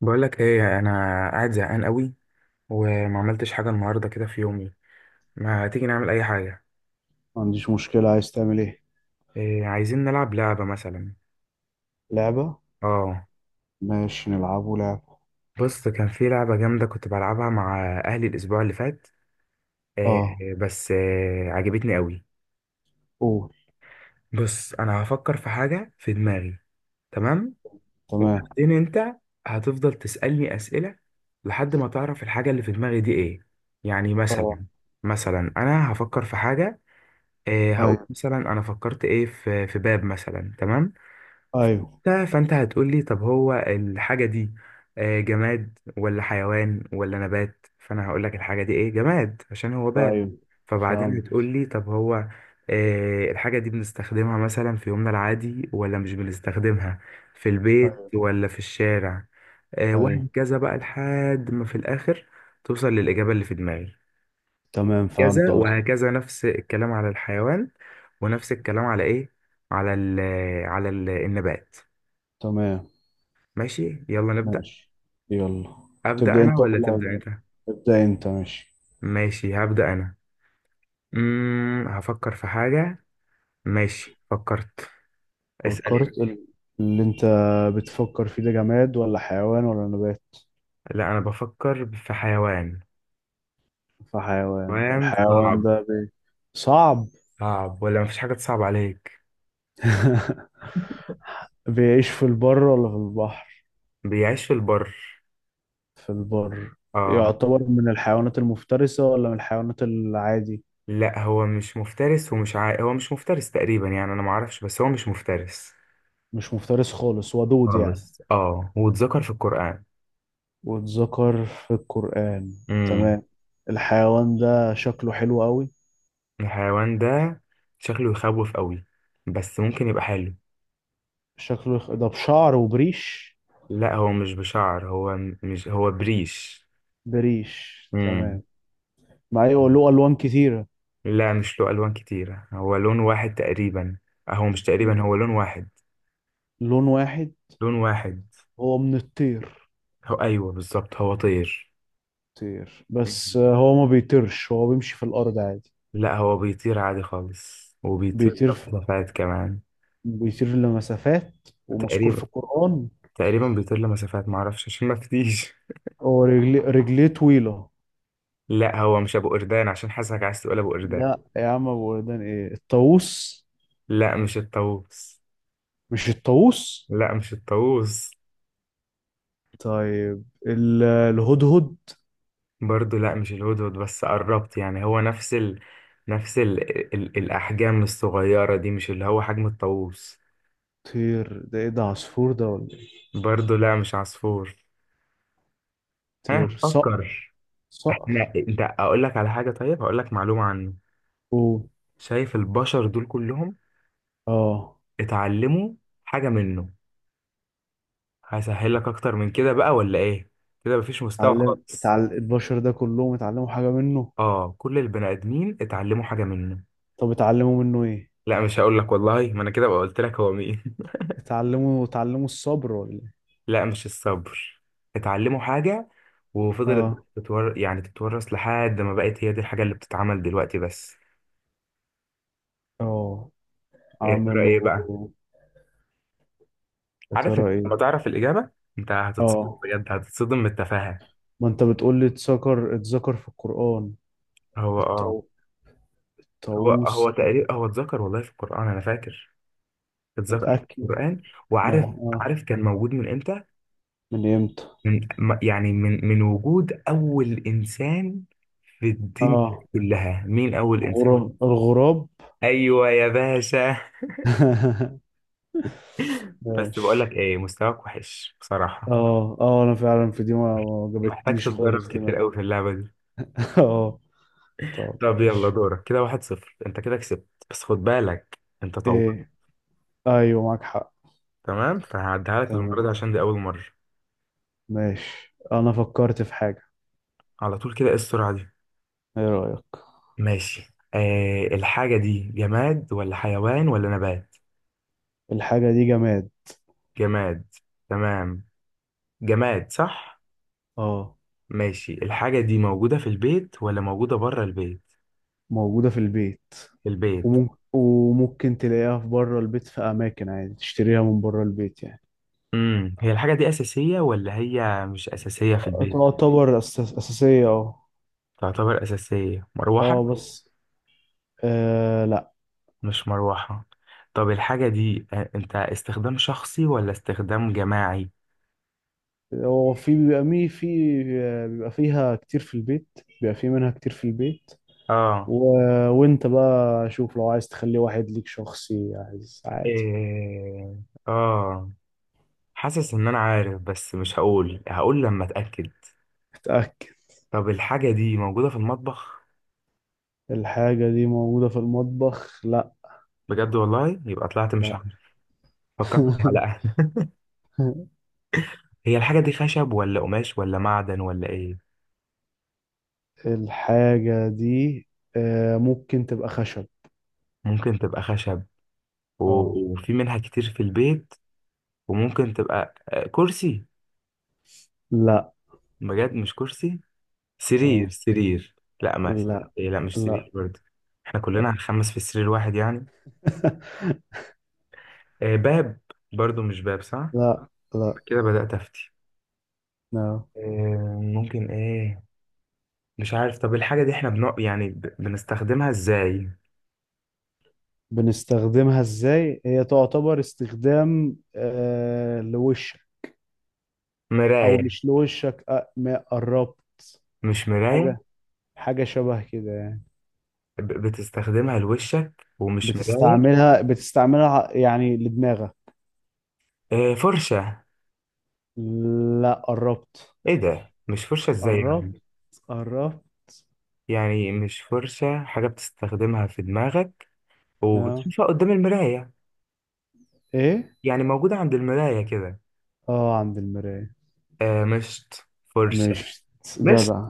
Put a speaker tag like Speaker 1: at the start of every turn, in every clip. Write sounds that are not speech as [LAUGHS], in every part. Speaker 1: بقول لك ايه، انا قاعد زهقان قوي، وما عملتش حاجه النهارده كده في يومي. ما تيجي نعمل اي حاجه؟
Speaker 2: ما عنديش مشكلة، عايز تعمل ايه؟
Speaker 1: إيه، عايزين نلعب لعبه مثلا؟
Speaker 2: لعبة؟
Speaker 1: اه.
Speaker 2: ماشي، نلعبه لعبة.
Speaker 1: بص، كان في لعبه جامده كنت بلعبها مع اهلي الاسبوع اللي فات.
Speaker 2: اه.
Speaker 1: إيه بس إيه، عجبتني قوي.
Speaker 2: قول.
Speaker 1: بص انا هفكر في حاجه في دماغي، تمام.
Speaker 2: تمام.
Speaker 1: وبعدين انت هتفضل تسالني اسئله لحد ما تعرف الحاجه اللي في دماغي دي ايه. يعني
Speaker 2: اه.
Speaker 1: مثلا، مثلا انا هفكر في حاجه. إيه، هقول
Speaker 2: ايوه.
Speaker 1: مثلا انا فكرت ايه في باب مثلا، تمام.
Speaker 2: ايوه.
Speaker 1: فانت هتقول لي طب هو الحاجه دي جماد ولا حيوان ولا نبات، فانا هقول لك الحاجه دي ايه، جماد عشان هو باب.
Speaker 2: ايوه.
Speaker 1: فبعدين هتقول
Speaker 2: فهمت.
Speaker 1: لي طب هو الحاجه دي بنستخدمها مثلا في يومنا العادي ولا مش بنستخدمها في البيت
Speaker 2: ايوه.
Speaker 1: ولا في الشارع؟
Speaker 2: ايوه.
Speaker 1: وهكذا بقى لحد ما في الاخر توصل للاجابه اللي في دماغي.
Speaker 2: تمام، فهمت
Speaker 1: كذا
Speaker 2: قصدي.
Speaker 1: وهكذا، نفس الكلام على الحيوان، ونفس الكلام على ايه، على ال، على ال النبات.
Speaker 2: تمام.
Speaker 1: ماشي، يلا نبدأ.
Speaker 2: ماشي. يلا.
Speaker 1: أبدأ
Speaker 2: تبدأ
Speaker 1: أنا
Speaker 2: انت ولا
Speaker 1: ولا تبدأ
Speaker 2: أبدأ؟
Speaker 1: أنت؟
Speaker 2: ابدأ انت، ماشي.
Speaker 1: ماشي، هبدأ أنا. هفكر في حاجة. ماشي، فكرت. اسأل يعني.
Speaker 2: فكرت. اللي انت بتفكر فيه ده جماد ولا حيوان ولا نبات؟
Speaker 1: لا، أنا بفكر في حيوان.
Speaker 2: فحيوان،
Speaker 1: حيوان
Speaker 2: الحيوان
Speaker 1: صعب.
Speaker 2: ده. صعب.
Speaker 1: صعب ولا مفيش حاجة تصعب عليك؟
Speaker 2: [LAUGHS] بيعيش في البر ولا في البحر؟
Speaker 1: بيعيش في البر.
Speaker 2: في البر.
Speaker 1: اه.
Speaker 2: يعتبر من الحيوانات المفترسة ولا من الحيوانات العادي؟
Speaker 1: لا، هو مش مفترس ومش هو مش مفترس تقريبا، يعني أنا معرفش بس هو مش مفترس
Speaker 2: مش مفترس خالص، ودود يعني.
Speaker 1: خالص. اه، واتذكر في القرآن.
Speaker 2: واتذكر في القرآن.
Speaker 1: امم
Speaker 2: تمام. الحيوان ده شكله حلو قوي.
Speaker 1: الحيوان ده شكله يخوف قوي، بس ممكن يبقى حلو.
Speaker 2: شكله ده بشعر وبريش؟
Speaker 1: لا، هو مش بشعر، هو مش هو بريش.
Speaker 2: بريش،
Speaker 1: امم
Speaker 2: تمام. مع ايه
Speaker 1: مم.
Speaker 2: له ألوان كتيرة؟
Speaker 1: لا، مش له ألوان كتيرة، هو لون واحد تقريبا. هو مش تقريبا، هو لون واحد.
Speaker 2: لون واحد.
Speaker 1: لون واحد.
Speaker 2: هو من الطير؟
Speaker 1: هو أيوه بالظبط، هو طير.
Speaker 2: طير، بس
Speaker 1: مم.
Speaker 2: هو ما بيطيرش، هو بيمشي في الأرض عادي؟
Speaker 1: لا، هو بيطير عادي خالص، وبيطير
Speaker 2: بيطير في...
Speaker 1: مسافات كمان.
Speaker 2: بيطير لمسافات. ومذكور في
Speaker 1: تقريبا،
Speaker 2: القرآن؟
Speaker 1: بيطير لمسافات معرفش عشان ما فتيش.
Speaker 2: هو رجليه طويلة؟
Speaker 1: لا هو مش ابو قردان، عشان حاسسك عايز تقول ابو قردان.
Speaker 2: لا يا عم، ابو وردان، ايه الطاووس؟
Speaker 1: لا، مش الطاووس.
Speaker 2: مش الطاووس؟
Speaker 1: لا، مش الطاووس.
Speaker 2: طيب الهدهد؟
Speaker 1: برضو لا، مش الهدهد بس قربت يعني، هو نفس ال، نفس ال، ال الاحجام الصغيره دي مش اللي هو حجم الطاووس.
Speaker 2: طير، ده ايه، ده عصفور ده ولا ايه؟
Speaker 1: برضو لا، مش عصفور. ها،
Speaker 2: طير، صقر؟
Speaker 1: فكر.
Speaker 2: صقر؟
Speaker 1: احنا، انت اقول لك على حاجه، طيب هقول لك معلومه عنه.
Speaker 2: اوه.
Speaker 1: شايف البشر دول كلهم
Speaker 2: اه.
Speaker 1: اتعلموا حاجه منه؟ هسهل لك اكتر من كده بقى ولا ايه؟ كده مفيش مستوى
Speaker 2: اتعلم
Speaker 1: خالص.
Speaker 2: اتعلم البشر ده كلهم اتعلموا حاجة منه؟
Speaker 1: اه، كل البني ادمين اتعلموا حاجه منه.
Speaker 2: طب اتعلموا منه ايه؟
Speaker 1: لا مش هقول لك والله، ما انا كده بقى قلت لك هو مين.
Speaker 2: اتعلموا الصبر ولا ايه؟
Speaker 1: [LAUGHS] لا، مش الصبر. اتعلموا حاجه وفضلت
Speaker 2: اه.
Speaker 1: يعني تتورث لحد ما بقت هي دي الحاجه اللي بتتعمل دلوقتي بس.
Speaker 2: اه.
Speaker 1: إيه، يا ترى
Speaker 2: عملوا؟
Speaker 1: ايه بقى؟
Speaker 2: يا
Speaker 1: عارف
Speaker 2: ترى
Speaker 1: إنت لما
Speaker 2: ايه؟
Speaker 1: تعرف الاجابه انت هتتصدم،
Speaker 2: اه.
Speaker 1: بجد هتتصدم من التفاهه.
Speaker 2: ما انت بتقول لي اتذكر في القرآن.
Speaker 1: هو اه،
Speaker 2: الطاو-
Speaker 1: هو
Speaker 2: الطاووس؟ لا.
Speaker 1: تقريبا، هو اتذكر والله في القران، انا فاكر اتذكر في
Speaker 2: متأكد؟
Speaker 1: القران.
Speaker 2: ما
Speaker 1: وعارف،
Speaker 2: هو- اه.
Speaker 1: كان موجود من امتى؟
Speaker 2: من امتى؟
Speaker 1: من يعني من وجود اول انسان في الدنيا
Speaker 2: اه.
Speaker 1: كلها. مين اول انسان؟
Speaker 2: الغراب.
Speaker 1: ايوه يا باشا.
Speaker 2: [LAUGHS]
Speaker 1: بس بقول لك
Speaker 2: ماشي.
Speaker 1: ايه، مستواك وحش بصراحه،
Speaker 2: اه، اه، انا فعلا في دي ما
Speaker 1: محتاج
Speaker 2: جابتنيش
Speaker 1: تتدرب
Speaker 2: خالص
Speaker 1: كتير
Speaker 2: دماغي.
Speaker 1: قوي في اللعبه دي.
Speaker 2: [LAUGHS] اه. طب،
Speaker 1: طب يلا
Speaker 2: ماشي.
Speaker 1: دورك. كده 1-0، انت كده كسبت، بس خد بالك انت طورت.
Speaker 2: ايه؟ ايوه، معاك حق.
Speaker 1: تمام، فهعديها لك المره دي
Speaker 2: تمام.
Speaker 1: عشان دي اول مره.
Speaker 2: ماشي، انا فكرت في حاجة.
Speaker 1: على طول كده؟ ايه السرعه دي؟
Speaker 2: ايه رأيك؟
Speaker 1: ماشي. الحاجه دي جماد ولا حيوان ولا نبات؟
Speaker 2: الحاجة دي جماد.
Speaker 1: جماد. تمام، جماد صح؟
Speaker 2: اه،
Speaker 1: ماشي، الحاجه دي موجوده في البيت ولا موجوده بره البيت؟
Speaker 2: موجودة في البيت.
Speaker 1: في البيت.
Speaker 2: وممكن تلاقيها في بره البيت، في اماكن عادي تشتريها من بره البيت يعني.
Speaker 1: هي الحاجة دي أساسية ولا هي مش أساسية في البيت؟
Speaker 2: تعتبر اساسية، اه.
Speaker 1: تعتبر أساسية، مروحة؟
Speaker 2: اه، بس، آه
Speaker 1: مش مروحة. طب الحاجة دي أنت استخدام شخصي ولا استخدام جماعي؟
Speaker 2: هو في بيبقى مي، في بيبقى فيها كتير في البيت، بيبقى في منها كتير في البيت.
Speaker 1: آه.
Speaker 2: و... وانت بقى شوف، لو عايز تخليه واحد ليك شخصي، عايز، عادي.
Speaker 1: إيه... آه. حاسس إن أنا عارف، بس مش هقول، هقول لما أتأكد.
Speaker 2: اتأكد.
Speaker 1: طب الحاجة دي موجودة في المطبخ؟
Speaker 2: الحاجة دي موجودة في المطبخ؟ لا.
Speaker 1: بجد والله؟ يبقى طلعت مش
Speaker 2: لا.
Speaker 1: عارف. فكرت في
Speaker 2: [LAUGHS]
Speaker 1: معلقة. [LAUGHS] هي الحاجة دي خشب ولا قماش ولا معدن ولا إيه؟
Speaker 2: الحاجة دي ممكن تبقى خشب.
Speaker 1: ممكن تبقى خشب، و...
Speaker 2: اه.
Speaker 1: وفي منها كتير في البيت، وممكن تبقى كرسي؟
Speaker 2: لا.
Speaker 1: بجد مش كرسي؟ سرير،
Speaker 2: اه.
Speaker 1: سرير؟ لا ما،
Speaker 2: لا،
Speaker 1: إيه، لا مش
Speaker 2: لا.
Speaker 1: سرير برضه. احنا كلنا هنخمس في سرير واحد يعني؟
Speaker 2: [LAUGHS]
Speaker 1: باب؟ برضه مش باب صح؟
Speaker 2: لا، لا،
Speaker 1: كده بدأت أفتي.
Speaker 2: لا.
Speaker 1: ممكن ايه؟ مش عارف. طب الحاجة دي احنا يعني بنستخدمها ازاي؟
Speaker 2: بنستخدمها ازاي؟ هي تعتبر استخدام لوشك. او
Speaker 1: مراية؟
Speaker 2: مش لوشك، ما قربت.
Speaker 1: مش مراية.
Speaker 2: حاجه. حاجه شبه كده يعني.
Speaker 1: بتستخدمها لوشك ومش مراية.
Speaker 2: بتستعملها يعني لدماغك.
Speaker 1: فرشة؟
Speaker 2: لا، قربت.
Speaker 1: ايه ده مش فرشة، ازاي يعني؟
Speaker 2: قربت. قربت.
Speaker 1: يعني مش فرشة، حاجة بتستخدمها في دماغك
Speaker 2: اه.
Speaker 1: وبتشوفها قدام المراية،
Speaker 2: ايه.
Speaker 1: يعني موجودة عند المراية كده.
Speaker 2: اه، عند المرايه.
Speaker 1: آه، مشط؟ فرشة؟
Speaker 2: مش.
Speaker 1: مشط؟
Speaker 2: جدع.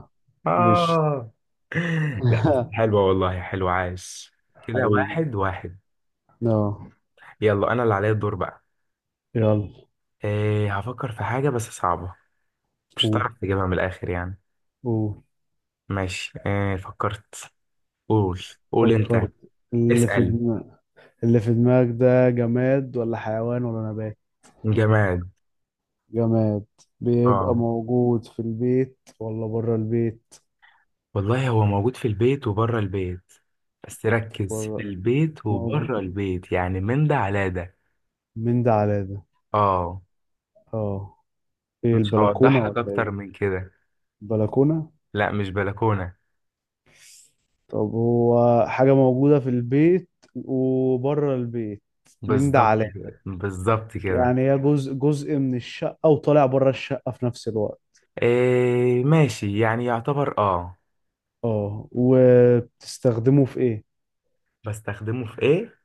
Speaker 2: مش.
Speaker 1: آه. [LAUGHS] لا بس
Speaker 2: [LAUGHS]
Speaker 1: حلوة والله، حلوة عايش. كده
Speaker 2: حبيبي.
Speaker 1: 1-1.
Speaker 2: اه.
Speaker 1: يلا أنا اللي عليا الدور بقى.
Speaker 2: يلا.
Speaker 1: آه، هفكر في حاجة بس صعبة، مش
Speaker 2: قول.
Speaker 1: هتعرف تجيبها من الآخر يعني.
Speaker 2: قول.
Speaker 1: ماشي، آه فكرت. قول، قول أنت.
Speaker 2: فكرت. اللي في
Speaker 1: اسأل.
Speaker 2: دماغ اللي في دماغك ده جماد ولا حيوان ولا نبات؟
Speaker 1: جماد.
Speaker 2: جماد؟ بيبقى
Speaker 1: آه،
Speaker 2: موجود في البيت ولا بره البيت؟
Speaker 1: والله هو موجود في البيت وبره البيت، بس ركز، في
Speaker 2: بره.
Speaker 1: البيت
Speaker 2: موجود.
Speaker 1: وبره البيت يعني من ده على ده.
Speaker 2: من ده على ده؟
Speaker 1: آه.
Speaker 2: اه. ايه،
Speaker 1: مش هوضح
Speaker 2: البلكونة
Speaker 1: لك
Speaker 2: ولا
Speaker 1: اكتر
Speaker 2: ايه؟
Speaker 1: من كده.
Speaker 2: البلكونة؟
Speaker 1: لا، مش بلكونه.
Speaker 2: طب هو حاجة موجودة في البيت وبره البيت؟ من ده
Speaker 1: بالظبط
Speaker 2: على ده.
Speaker 1: كده، بالظبط كده.
Speaker 2: يعني هي جزء من الشقة وطالع بره الشقة في نفس الوقت.
Speaker 1: إيه ماشي، يعني يعتبر، اه.
Speaker 2: اه، وبتستخدمه في ايه؟
Speaker 1: بستخدمه في ايه؟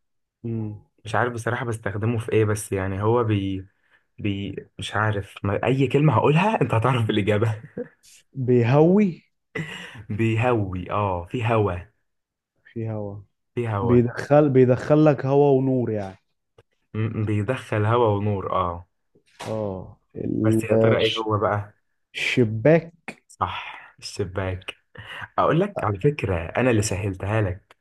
Speaker 2: مم.
Speaker 1: مش عارف بصراحه بستخدمه في ايه، بس يعني هو بي مش عارف، ما اي كلمه هقولها انت هتعرف الاجابه.
Speaker 2: بيهوي.
Speaker 1: [LAUGHS] بيهوي؟ اه، في هوا.
Speaker 2: في هوا.
Speaker 1: في هوا.
Speaker 2: بيدخل لك هوا ونور يعني.
Speaker 1: بيدخل هوا ونور، اه.
Speaker 2: اه،
Speaker 1: بس يا ترى ايه هو بقى؟
Speaker 2: الشباك.
Speaker 1: صح الشباك. اقول لك على فكره، انا اللي سهلتها لك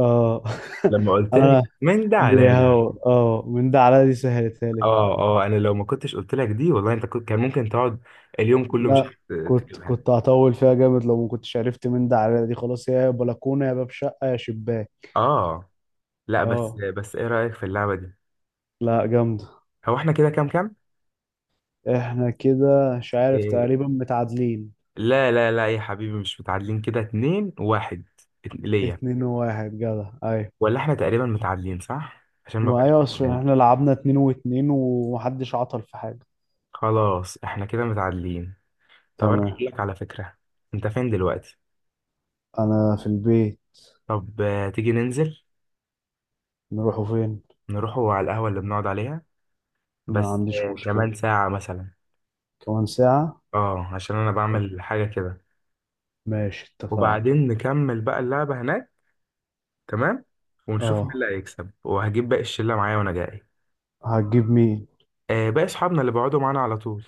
Speaker 2: اه.
Speaker 1: لما
Speaker 2: [LAUGHS]
Speaker 1: قلت لك
Speaker 2: انا
Speaker 1: من ده على ده.
Speaker 2: اه، من ده على دي سهلتها لي فعلا.
Speaker 1: اه اه، انا لو ما كنتش قلت لك دي والله انت كنت، كان ممكن تقعد اليوم كله
Speaker 2: لا،
Speaker 1: مش
Speaker 2: مم.
Speaker 1: عارف
Speaker 2: كنت
Speaker 1: تجيبها.
Speaker 2: كنت هطول فيها جامد لو ما كنتش عرفت من ده على دي، خلاص يا بلكونه يا باب شقه يا شباك.
Speaker 1: اه. لا بس،
Speaker 2: اه.
Speaker 1: ايه رأيك في اللعبة دي؟
Speaker 2: لا، جامده.
Speaker 1: هو احنا كده كام كام؟
Speaker 2: احنا كده مش عارف،
Speaker 1: إيه،
Speaker 2: تقريبا متعادلين.
Speaker 1: لا لا لا يا حبيبي، مش متعادلين، كده 2-1، ليا.
Speaker 2: 2-1، جدع، ايوه.
Speaker 1: ولا احنا تقريبا متعادلين صح عشان ما
Speaker 2: ما
Speaker 1: بقاش؟
Speaker 2: ايوه، اصل احنا لعبنا 2-2 ومحدش عطل في حاجه.
Speaker 1: خلاص احنا كده متعادلين. طب انا
Speaker 2: تمام.
Speaker 1: هقول لك على فكرة. انت فين دلوقتي؟
Speaker 2: انا في البيت.
Speaker 1: طب تيجي ننزل؟
Speaker 2: نروحوا فين؟
Speaker 1: نروحوا على القهوة اللي بنقعد عليها،
Speaker 2: ما
Speaker 1: بس
Speaker 2: عنديش مشكله.
Speaker 1: كمان ساعة مثلا.
Speaker 2: كمان ساعه.
Speaker 1: اه عشان انا بعمل حاجة كده.
Speaker 2: ماشي، اتفقنا.
Speaker 1: وبعدين نكمل بقى اللعبة هناك، تمام. ونشوف مين
Speaker 2: اه.
Speaker 1: اللي هيكسب. وهجيب باقي الشلة معايا وانا جاي.
Speaker 2: هتجيب مين؟
Speaker 1: آه، باقي اصحابنا اللي بيقعدوا معانا على طول.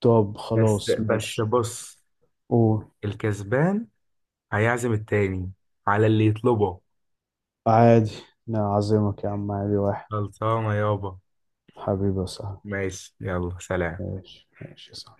Speaker 2: طب
Speaker 1: بس
Speaker 2: خلاص،
Speaker 1: بس
Speaker 2: ماشي.
Speaker 1: بص.
Speaker 2: قول.
Speaker 1: الكسبان هيعزم التاني على اللي يطلبه.
Speaker 2: عادي. نعزمك يا عم، عادي واحد.
Speaker 1: خلصانة يابا.
Speaker 2: حبيبي يا صاحبي.
Speaker 1: ماشي، يلا سلام.
Speaker 2: ماشي، ماشي يا صاحبي.